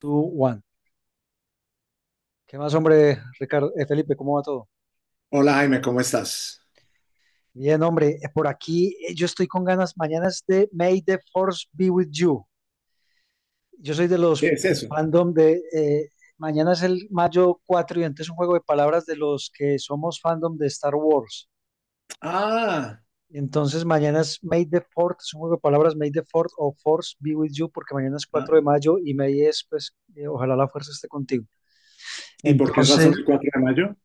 Two, one. ¿Qué más, hombre, Ricardo? Felipe, ¿cómo va todo? Hola Jaime, ¿cómo estás? Bien, hombre, por aquí yo estoy con ganas. Mañana es de May the Force be with you. Yo soy de ¿Qué los es del eso? fandom de. Mañana es el mayo 4 y entonces es un juego de palabras de los que somos fandom de Star Wars. Ah, Entonces mañana es May the Fourth, es un juego de palabras May the Fourth o Force be with you, porque mañana es cuatro de ah. mayo y May es, pues, ojalá la fuerza esté contigo. ¿Y por qué razón Entonces, el 4 de mayo?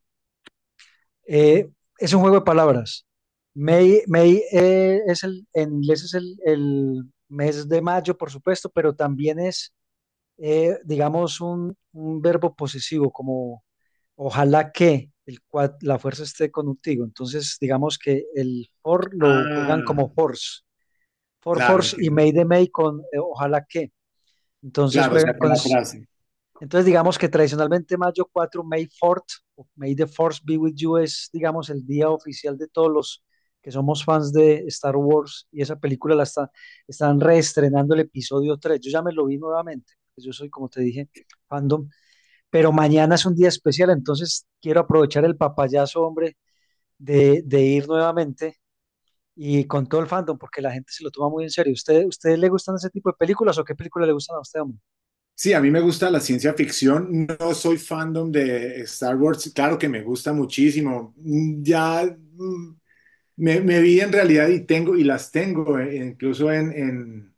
Eh, es un juego de palabras. May, es el, en inglés es el mes de mayo, por supuesto, pero también es, digamos, un verbo posesivo, como ojalá que el cual la fuerza esté contigo. Entonces, digamos que el for lo juegan Ah, como force, for claro, force y entiendo. may de may con ojalá que. Entonces Claro, o sea, juegan con con, la frase. entonces, digamos que tradicionalmente mayo 4, May 4 o May the Force be with you, es, digamos, el día oficial de todos los que somos fans de Star Wars y esa película la está, están reestrenando el episodio 3. Yo ya me lo vi nuevamente, pues yo soy, como te dije, fandom, pero mañana es un día especial, entonces quiero aprovechar el papayazo, hombre, de ir nuevamente y con todo el fandom, porque la gente se lo toma muy en serio. ¿Ustedes le gustan ese tipo de películas o qué película le gustan a usted, hombre? Sí, a mí me gusta la ciencia ficción, no soy fandom de Star Wars, claro que me gusta muchísimo. Mm, Ya me vi en realidad y las tengo, incluso en, en,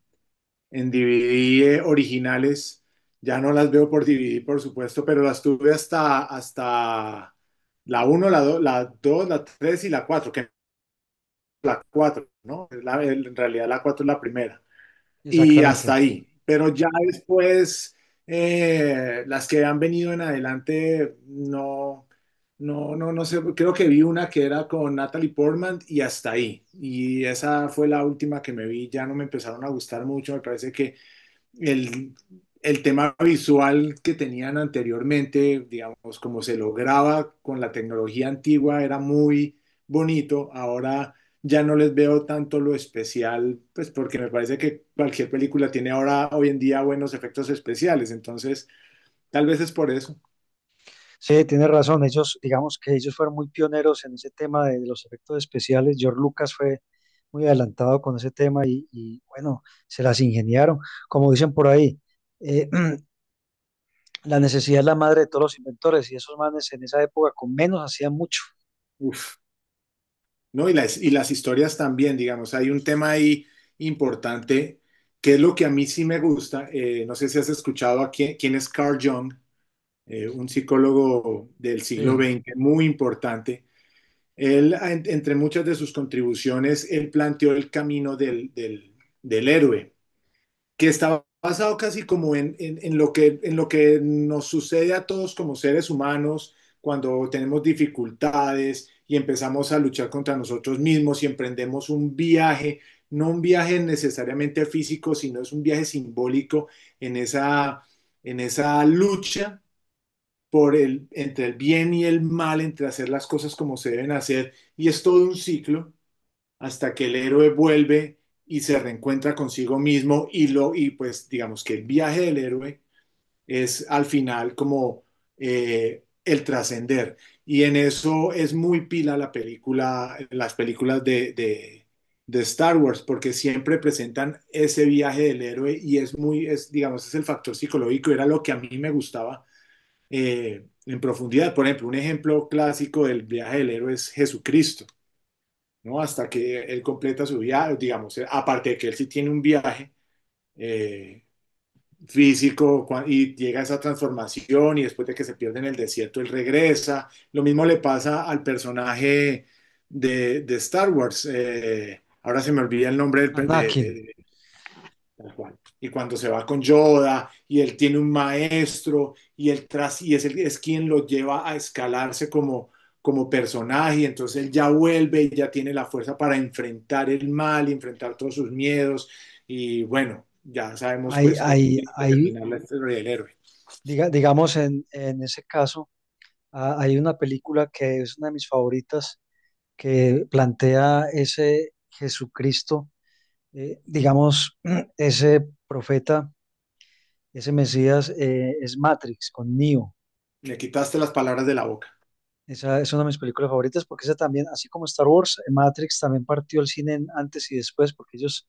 en DVD originales. Ya no las veo por DVD, por supuesto, pero las tuve hasta la uno, la dos, la 3 y la cuatro, que la cuatro, ¿no? En realidad la 4 es la primera. Y hasta Exactamente. ahí. Pero ya después, las que han venido en adelante, no, no, no, no sé. Creo que vi una que era con Natalie Portman y hasta ahí. Y esa fue la última que me vi. Ya no me empezaron a gustar mucho. Me parece que el, el tema visual que tenían anteriormente, digamos, como se lograba con la tecnología antigua, era muy bonito. Ahora ya no les veo tanto lo especial, pues porque me parece que cualquier película tiene ahora, hoy en día, buenos efectos especiales. Entonces, tal vez es por eso. Sí, tienes razón. Ellos, digamos que ellos fueron muy pioneros en ese tema de los efectos especiales. George Lucas fue muy adelantado con ese tema y, bueno, se las ingeniaron. Como dicen por ahí, eh, la necesidad es la madre de todos los inventores y esos manes en esa época con menos hacían mucho. Uf, ¿no? Y las historias también, digamos, hay un tema ahí importante que es lo que a mí sí me gusta. No sé si has escuchado a quién, quién es Carl Jung, un psicólogo del siglo Sí, XX muy importante. Él, entre muchas de sus contribuciones, él planteó el camino del héroe, que estaba basado casi como en lo que nos sucede a todos como seres humanos cuando tenemos dificultades y empezamos a luchar contra nosotros mismos y emprendemos un viaje, no un viaje necesariamente físico, sino es un viaje simbólico en esa, en esa lucha entre el bien y el mal, entre hacer las cosas como se deben hacer, y es todo un ciclo hasta que el héroe vuelve y se reencuentra consigo mismo, y pues digamos que el viaje del héroe es al final como el trascender. Y en eso es muy pila la película las películas de Star Wars, porque siempre presentan ese viaje del héroe, y es muy es digamos, es el factor psicológico era lo que a mí me gustaba en profundidad. Por ejemplo, un ejemplo clásico del viaje del héroe es Jesucristo, ¿no? Hasta que él completa su viaje, digamos, aparte de que él sí tiene un viaje eh, físico, y llega a esa transformación y después de que se pierde en el desierto, él regresa. Lo mismo le pasa al personaje de Star Wars. Ahora se me olvida el nombre del, per- de, Anakin. de, Tal cual. Y cuando se va con Yoda y él tiene un maestro, y él tras y es, el, es quien lo lleva a escalarse como personaje, y entonces él ya vuelve y ya tiene la fuerza para enfrentar el mal y enfrentar todos sus miedos y, bueno, ya sabemos Hay, pues cómo hay, tiene que hay, terminar la historia del héroe. Digamos, en ese caso, hay una película que es una de mis favoritas que plantea ese Jesucristo, digamos, ese profeta, ese Mesías, es Matrix con Neo. Me quitaste las palabras de la boca. Esa es una de mis películas favoritas porque esa también, así como Star Wars, Matrix también partió el cine en antes y después porque ellos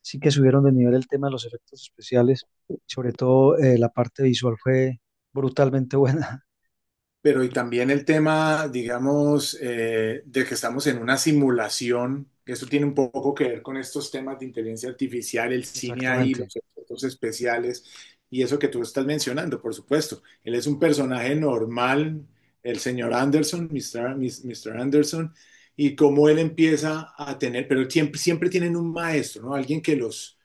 sí que subieron de nivel el tema de los efectos especiales. Sobre todo, la parte visual fue brutalmente buena. Pero y también el tema, digamos, de que estamos en una simulación, que eso tiene un poco que ver con estos temas de inteligencia artificial, el cine ahí, Exactamente. los efectos especiales y eso que tú estás mencionando, por supuesto. Él es un personaje normal, el señor Anderson, Mr. Anderson, y cómo él empieza a tener, pero siempre, siempre tienen un maestro, ¿no? Alguien que los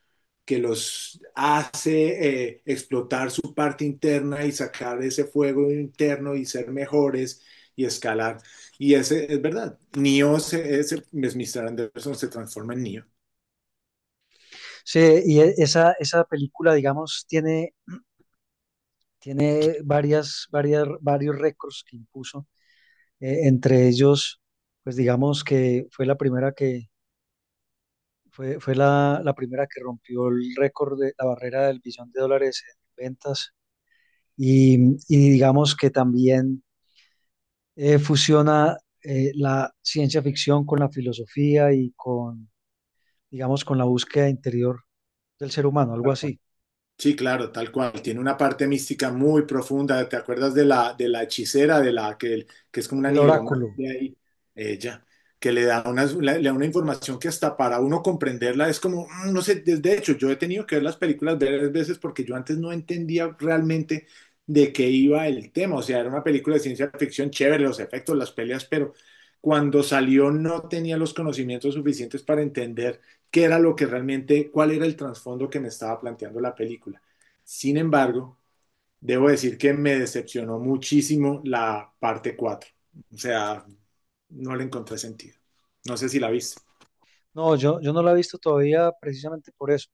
que los hace explotar su parte interna y sacar ese fuego interno y ser mejores y escalar. Y ese es verdad. Mr. Anderson se transforma en Neo, Sí, esa película, digamos, tiene, tiene varios récords que impuso. Entre ellos, pues digamos que fue la primera que fue la primera que rompió el récord de la barrera del billón de dólares en ventas y, y digamos que también fusiona, la ciencia ficción con la filosofía y con, digamos, con la búsqueda interior del ser humano, algo tal cual. así. Sí, claro, tal cual. Tiene una parte mística muy profunda. ¿Te acuerdas de la hechicera, de la que es como una El oráculo. nigromante ahí? Ella, que le da una información que hasta para uno comprenderla es como, no sé, de hecho, yo he tenido que ver las películas varias veces porque yo antes no entendía realmente de qué iba el tema. O sea, era una película de ciencia ficción chévere, los efectos, las peleas, pero cuando salió no tenía los conocimientos suficientes para entender qué era lo que realmente, cuál era el trasfondo que me estaba planteando la película. Sin embargo, debo decir que me decepcionó muchísimo la parte cuatro. O sea, no le encontré sentido. No sé si la viste. No, yo no la he visto todavía precisamente por eso,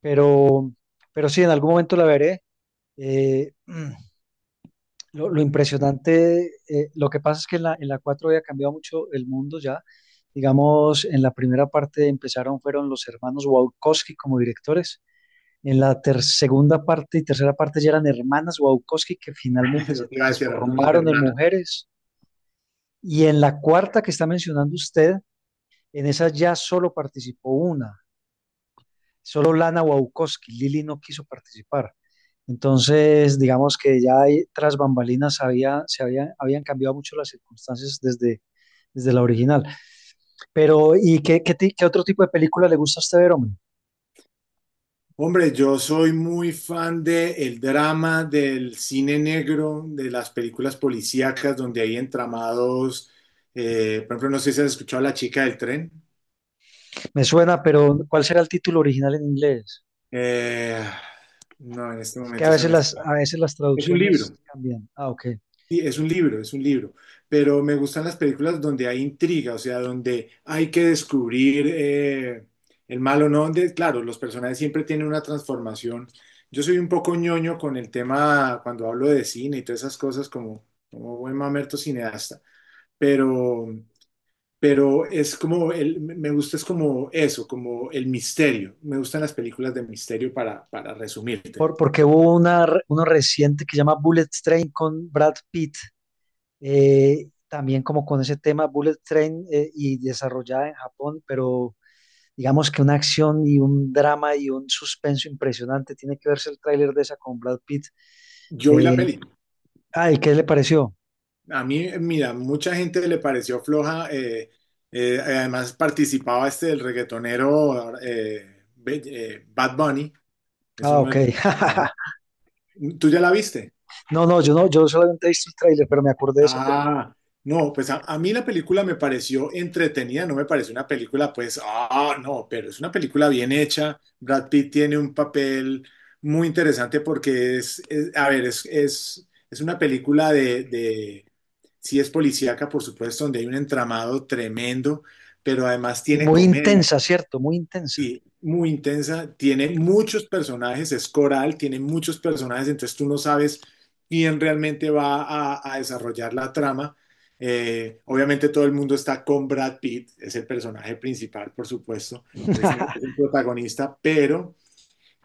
pero, pero sí, en algún momento la veré. Eh, lo impresionante, lo que pasa es que en la 4 había cambiado mucho el mundo ya. Digamos, en la primera parte empezaron, fueron los hermanos Wachowski como directores. En la segunda parte y tercera parte ya eran hermanas Wachowski que finalmente se Lo que iba a decir ahora son las transformaron en hermanas. mujeres. Y en la cuarta que está mencionando usted, en esa ya solo participó una, solo Lana Wachowski, Lili no quiso participar. Entonces, digamos que ya ahí, tras bambalinas había, habían cambiado mucho las circunstancias desde la original. Pero, ¿y qué otro tipo de película le gusta a usted ver, hombre? Hombre, yo soy muy fan del drama, del cine negro, de las películas policíacas donde hay entramados. Por ejemplo, no sé si has escuchado La chica del tren. Me suena, pero ¿cuál será el título original en inglés? Eh, no, en este Es que a momento se veces me... a veces las Es un traducciones libro, cambian. Ah, ok. sí, es un libro, pero me gustan las películas donde hay intriga, o sea, donde hay que descubrir el malo, no, donde, claro, los personajes siempre tienen una transformación. Yo soy un poco ñoño con el tema cuando hablo de cine y todas esas cosas, como buen mamerto cineasta, pero, pero me gusta es como eso, como el misterio. Me gustan las películas de misterio para resumírtelo. Porque hubo uno reciente que se llama Bullet Train con Brad Pitt, también como con ese tema Bullet Train, y desarrollada en Japón, pero digamos que una acción y un drama y un suspenso impresionante. Tiene que verse el tráiler de esa con Brad Pitt. Yo vi la Eh, peli. ay, ¿qué le pareció? A mí, mira, mucha gente le pareció floja. Además, participaba este el reggaetonero Bad Bunny, es Ah, uno ok. de los personajes. ¿Tú ya la viste? No, no, yo solamente he visto el tráiler, pero me acordé de esa película. Ah, no, pues a mí la película me pareció entretenida, no me pareció una película, pues, ah, no, pero es una película bien hecha. Brad Pitt tiene un papel muy interesante porque a ver, es una película de... Sí, es policíaca, por supuesto, donde hay un entramado tremendo, pero además Y tiene muy comedia. intensa, ¿cierto? Muy intensa. Sí, muy intensa, tiene muchos personajes, es coral, tiene muchos personajes, entonces tú no sabes quién realmente va a desarrollar la trama. Obviamente, todo el mundo está con Brad Pitt, es el personaje principal, por supuesto, es el protagonista, pero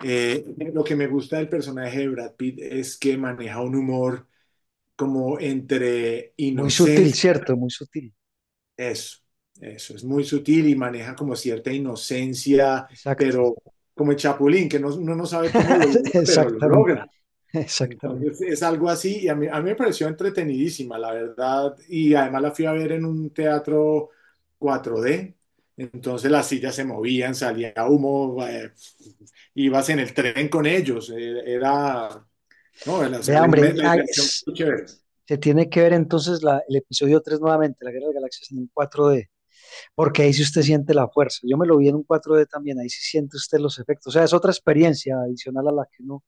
eh, lo que me gusta del personaje de Brad Pitt es que maneja un humor como entre Muy sutil, inocencia. ¿cierto? Muy sutil. eso, eso, es muy sutil y maneja como cierta inocencia, Exacto. pero como el Chapulín, que no, uno no sabe cómo lo logra, pero lo Exactamente, logra. exactamente. Entonces es algo así, y a mí me pareció entretenidísima, la verdad, y además la fui a ver en un teatro 4D, entonces las sillas se movían, salía humo, ibas en el tren con ellos, era, no, era, o sea, Vea, hombre, la inmersión fue chévere. es- se tiene que ver entonces el episodio 3 nuevamente, la Guerra de las Galaxias en un cuatro d, porque ahí sí usted siente la fuerza. Yo me lo vi en un cuatro d también, ahí sí siente usted los efectos. O sea, es otra experiencia adicional a la que uno.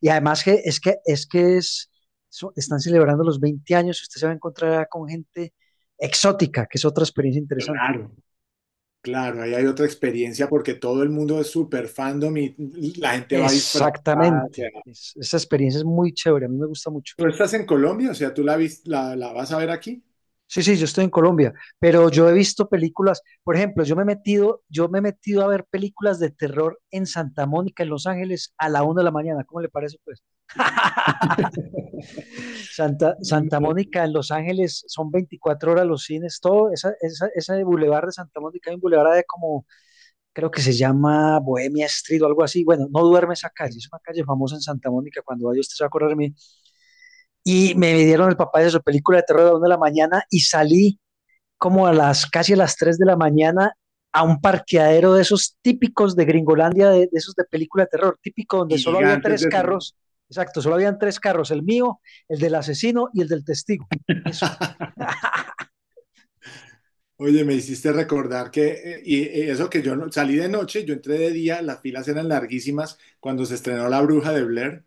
Y además que es están celebrando los 20 años y usted se va a encontrar con gente exótica, que es otra experiencia interesante. Claro. Claro, ahí hay otra experiencia porque todo el mundo es súper fandom y la gente va disfrazada. O sea, Exactamente. Esa experiencia es muy chévere, a mí me gusta mucho. ¿tú estás en Colombia? O sea, ¿tú la vas a ver aquí? Sí, sí, yo estoy en Colombia, pero yo he visto películas, por ejemplo, yo me he metido a ver películas de terror en Santa Mónica, en Los Ángeles, a la 1 de la mañana. ¿Cómo le parece, pues? Santa No, Mónica en Los Ángeles son 24 horas los cines, todo, ese bulevar de Santa Mónica, hay un bulevar de como, creo que se llama Bohemia Street o algo así. Bueno, no duerme esa calle, es una calle famosa en Santa Mónica, cuando vaya usted se va a acordar de mí. Y me dieron el papá de su película de terror a la 1 de la mañana y salí como a las casi a las 3 de la mañana a un parqueadero de esos típicos de Gringolandia, de esos de película de terror, típico donde solo había gigantes tres de fila. carros, exacto, solo habían tres carros, el mío, el del asesino y el del testigo. Eso. Oye, me hiciste recordar que, eso, que yo, no, salí de noche, yo entré de día, las filas eran larguísimas cuando se estrenó La Bruja de Blair.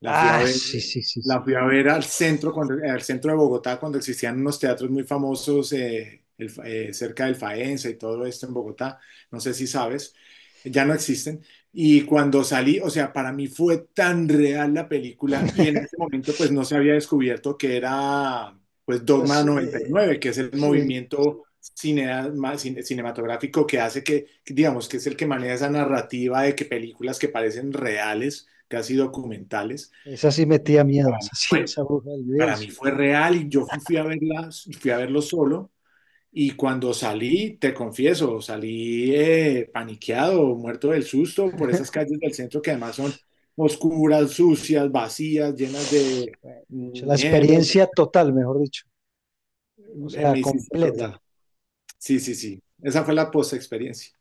La fui a Ah, ver, sí, sí, sí, la sí. fui a ver al centro, cuando, al centro de Bogotá, cuando existían unos teatros muy famosos, cerca del Faenza y todo esto en Bogotá. No sé si sabes, ya no existen. Y cuando salí, o sea, para mí fue tan real la película, y en ese momento pues no se había descubierto que era pues Esas, Dogma noventa y eh, nueve que es el es- eh, movimiento cinematográfico, que hace que, digamos, que es el que maneja esa narrativa de que películas que parecen reales, casi documentales, esa sí y metía miedo, esa sí, fue, esa bruja del video, y para mí sí. fue real y yo fui a verlas, fui a verlo solo. Y cuando salí, te confieso, salí paniqueado, muerto del susto por esas calles del centro, que además son oscuras, sucias, vacías, llenas de Bueno, pucha, la dinero. experiencia total, mejor dicho, o sea, Me hiciste acordar. completa. Sí, sí, sí. Esa fue la post experiencia.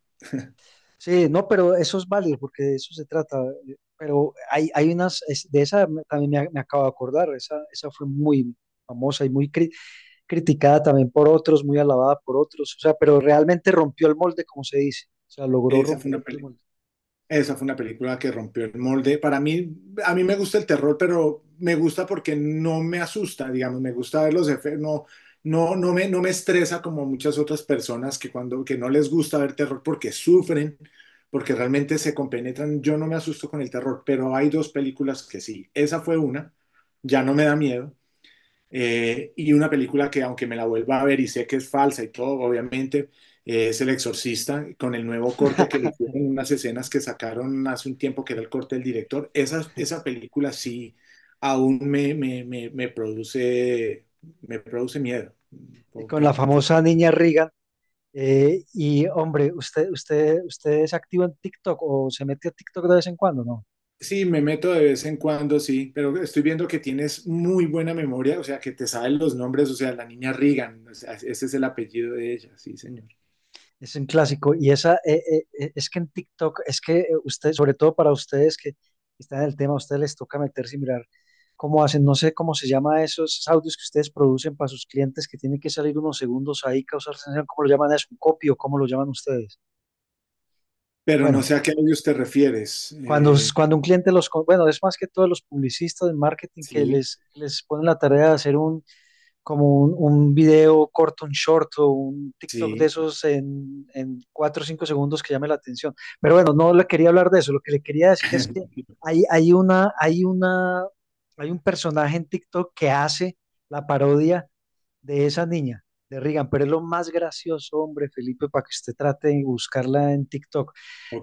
Sí, no, pero eso es válido porque de eso se trata. Pero hay unas, es- de esa me- también me, a- me acabo de acordar, esa fue muy famosa y muy criticada también por otros, muy alabada por otros, o sea, pero realmente rompió el molde, como se dice, o sea, logró Esa fue una, romper el pelea. molde. Esa fue una película que rompió el molde. Para mí, a mí me gusta el terror, pero me gusta porque no me asusta, digamos, me gusta ver los efectos, no, no, no me estresa como muchas otras personas, que que no les gusta ver terror porque sufren, porque realmente se compenetran. Yo no me asusto con el terror, pero hay dos películas que sí. Esa fue una, ya no me da miedo. Y una película que aunque me la vuelva a ver y sé que es falsa y todo, obviamente, es El Exorcista, con el nuevo corte que le hicieron, unas escenas que sacaron hace un tiempo, que era el corte del director. Esa película sí aún me produce miedo, Y tengo con la que confesar. famosa niña Reagan. Y hombre, usted es activo en TikTok o se mete a TikTok de vez en cuando, no? Sí, me meto de vez en cuando, sí, pero estoy viendo que tienes muy buena memoria, o sea, que te saben los nombres, o sea, la niña Reagan, o sea, ese es el apellido de ella, sí, señor. Es un clásico. Y esa, es que en TikTok, es que, ustedes, sobre todo para ustedes que están en el tema, a ustedes les toca meterse y mirar cómo hacen, no sé cómo se llama esos audios que ustedes producen para sus clientes que tienen que salir unos segundos ahí, causar sensación, ¿cómo lo llaman eso? ¿Un copy o cómo lo llaman ustedes? Pero no Bueno, sé a qué audios te refieres. Cuando un cliente bueno, es más que todos los publicistas de marketing que Sí, les ponen la tarea de hacer un como un video corto, un short o un TikTok de sí, esos en, 4 o 5 segundos que llame la atención. Pero bueno, no le quería hablar de eso, lo que le quería decir es que hay, hay una, hay una, hay un personaje en TikTok que hace la parodia de esa niña, de Regan, pero es lo más gracioso, hombre, Felipe, para que usted trate de buscarla en TikTok.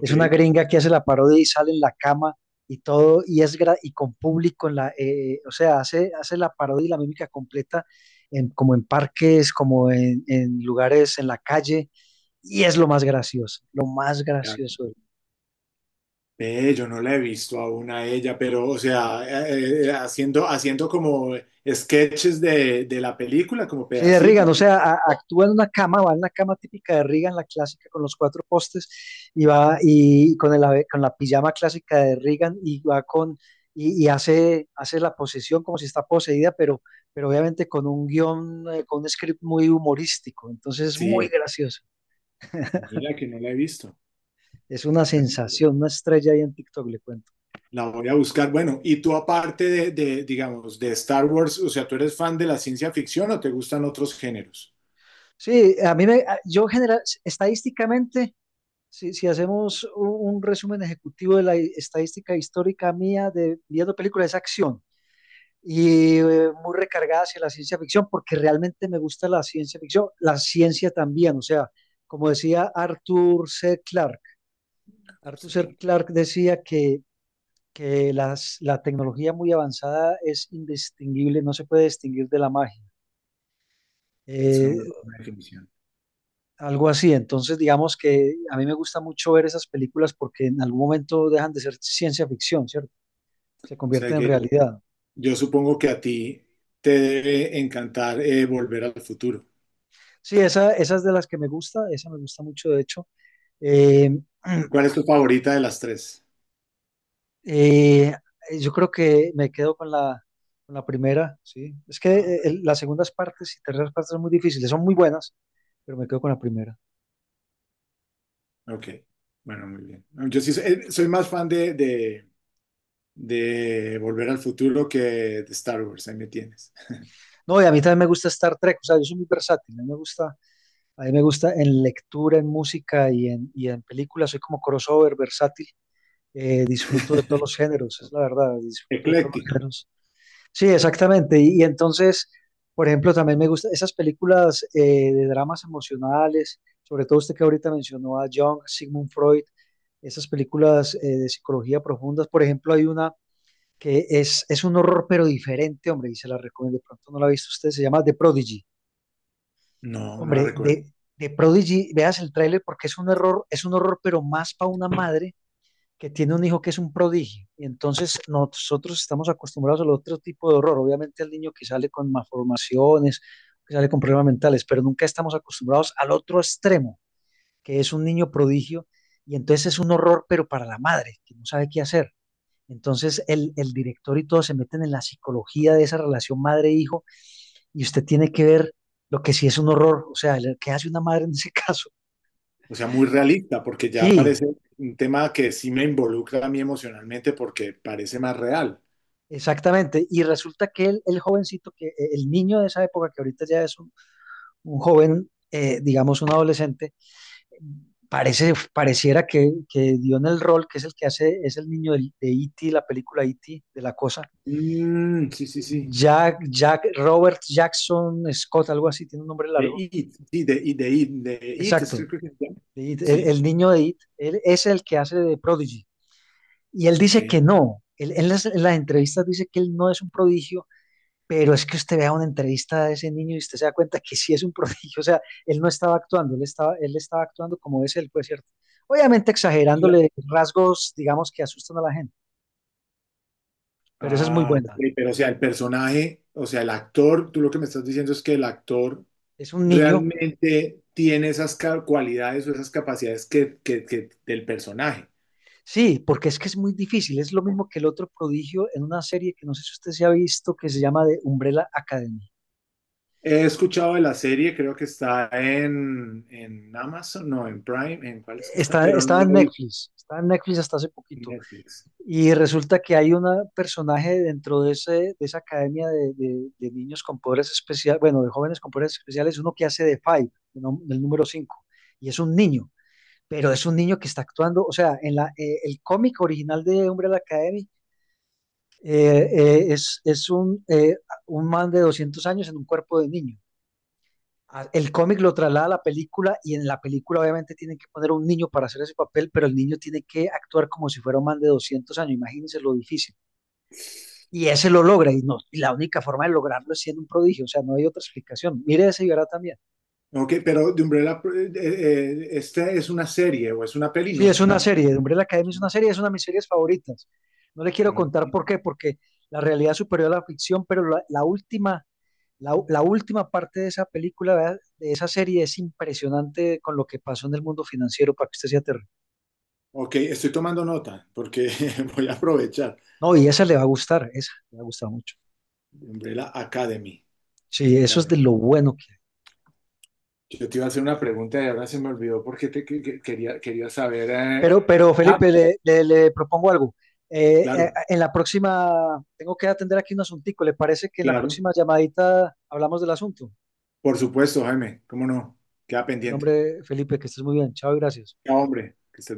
Es una gringa que hace la parodia y sale en la cama y todo, y es y con público en la, o sea, hace la parodia y la mímica completa en, como en parques, como en lugares en la calle, y es lo más gracioso, lo más gracioso. Ve, yo no la he visto aún a ella, pero, o sea, haciendo, haciendo como sketches de la película, como Sí, de pedacitos. Reagan, o sea, actúa en una cama, va en la cama típica de Reagan, la clásica con los cuatro postes, y va y con el con la pijama clásica de Reagan, y va con, y hace, la posesión como si está poseída, pero obviamente con un guión, con un script muy humorístico, entonces es muy Sí, gracioso. mira que no la he visto. Es una Bueno, sensación, una estrella ahí en TikTok, le cuento. la voy a buscar. Bueno, y tú aparte digamos, de Star Wars, o sea, ¿tú eres fan de la ciencia ficción o te gustan otros géneros? Sí, a mí yo general, estadísticamente, si hacemos un resumen ejecutivo de la estadística histórica mía de viendo películas, es acción y, muy recargada hacia la ciencia ficción, porque realmente me gusta la ciencia ficción, la ciencia también, o sea, como decía Arthur C. Clarke, Arthur Sí, C. claro. Clarke decía que, la tecnología muy avanzada es indistinguible, no se puede distinguir de la magia. Es una Eh, muy buena definición. O Algo así, entonces digamos que a mí me gusta mucho ver esas películas porque en algún momento dejan de ser ciencia ficción, ¿cierto? Se sea, convierten en que realidad. yo supongo que a ti te debe encantar, Volver al Futuro. Sí, esa es de las que me gusta, esa me gusta mucho, de hecho. Eh, ¿Cuál es tu favorita de las tres? eh, yo creo que me quedo con la primera, sí. Es que las segundas partes y terceras partes son muy difíciles, son muy buenas, pero me quedo con la primera. Ok, bueno, muy bien. No, yo sí soy más fan de Volver al Futuro que de Star Wars, ahí me tienes. No, y a mí también me gusta Star Trek, o sea, yo soy muy versátil, a mí me gusta, a mí me gusta en lectura, en música y y en películas, soy como crossover versátil. Disfruto de todos los géneros, es la verdad, disfruto de todos los Ecléctico. géneros. Sí, exactamente. Y entonces, por ejemplo, también me gustan esas películas de dramas emocionales, sobre todo usted que ahorita mencionó a Jung, Sigmund Freud, esas películas de psicología profundas. Por ejemplo, hay una que es un horror, pero diferente, hombre, y se la recomiendo. De pronto no la ha visto usted, se llama The Prodigy. No, no la Hombre, recuerdo. De Prodigy, veas el tráiler porque es un error, es un horror, pero más para una madre que tiene un hijo que es un prodigio. Y entonces nosotros estamos acostumbrados al otro tipo de horror. Obviamente al niño que sale con malformaciones, que sale con problemas mentales, pero nunca estamos acostumbrados al otro extremo, que es un niño prodigio. Y entonces es un horror, pero para la madre, que no sabe qué hacer. Entonces el director y todos se meten en la psicología de esa relación madre-hijo y usted tiene que ver lo que sí es un horror, o sea, el- ¿qué hace una madre en ese caso? O sea, muy realista, porque ya Sí, parece un tema que sí me involucra a mí emocionalmente, porque parece más real. exactamente, y resulta que el jovencito, que el niño de esa época, que ahorita ya es un joven, digamos un adolescente, parece, pareciera que dio en el rol, que es el que hace, es el niño de E.T., la película E.T., de la cosa. Mm, sí, sí, sí. Jack, Jack, Robert Jackson Scott, algo así, tiene un nombre De largo. It, sí, de It, es Exacto, que creo que se llama. de It, Sí, el niño de It, él es el que hace de Prodigy. Y él ok. dice que no, él en las entrevistas dice que él no es un prodigio. Pero es que usted vea una entrevista de ese niño y usted se da cuenta que sí es un prodigio, o sea, él no estaba actuando, él estaba actuando como es él, pues cierto. Obviamente Ya. exagerándole rasgos, digamos, que asustan a la gente, pero esa es muy Ah, ok, buena. pero o sea, el personaje, o sea, el actor, tú lo que me estás diciendo es que el actor Es un niño, realmente tiene esas cualidades o esas capacidades que del personaje. sí, porque es que es muy difícil, es lo mismo que el otro prodigio en una serie que no sé si usted se ha visto, que se llama The Umbrella Academy. He escuchado de la serie, creo que está en Amazon, no, en Prime, ¿en cuál es que está? Está, Pero no la vi estaba en Netflix hasta hace en poquito. Netflix. Y resulta que hay un personaje dentro de, ese, de esa academia de, de niños con poderes especiales, bueno, de jóvenes con poderes especiales, uno que hace de Five, el número 5 y es un niño, pero es un niño que está actuando, o sea, en la, el cómic original de Umbrella Academy eh, es un man de 200 años en un cuerpo de niño. Ah, el cómic lo traslada a la película y en la película obviamente tienen que poner un niño para hacer ese papel, pero el niño tiene que actuar como si fuera un man de 200 años, imagínense lo difícil. Y ese lo logra, y, no, y la única forma de lograrlo es siendo un prodigio, o sea, no hay otra explicación. Mire ese y verá también. Ok, pero de Umbrella, ¿esta es una serie o es una peli? Sí, No, es es una una serie. serie, Umbrella Academy es una serie, es una de mis series favoritas. No le quiero contar por qué, porque la realidad superior a la ficción, pero la, la, última parte de esa película, ¿verdad? De esa serie, es impresionante con lo que pasó en el mundo financiero para que usted se aterre. Ok, estoy tomando nota porque voy a aprovechar. No, y esa le va a gustar, esa le va a gustar mucho. Umbrella Academy. Sí, eso es de Academy. lo bueno que Yo te iba a hacer una pregunta y ahora se me olvidó porque te, que- quería, quería saber. Pero Ah, Felipe, le, le propongo algo. Claro, En la próxima, tengo que atender aquí un asuntico. ¿Le parece que en la claro. próxima llamadita hablamos del asunto? Por supuesto, Jaime. ¿Cómo no? Queda En pendiente. nombre, Felipe, que estés muy bien. Chao y gracias. Ya, hombre. Que estés...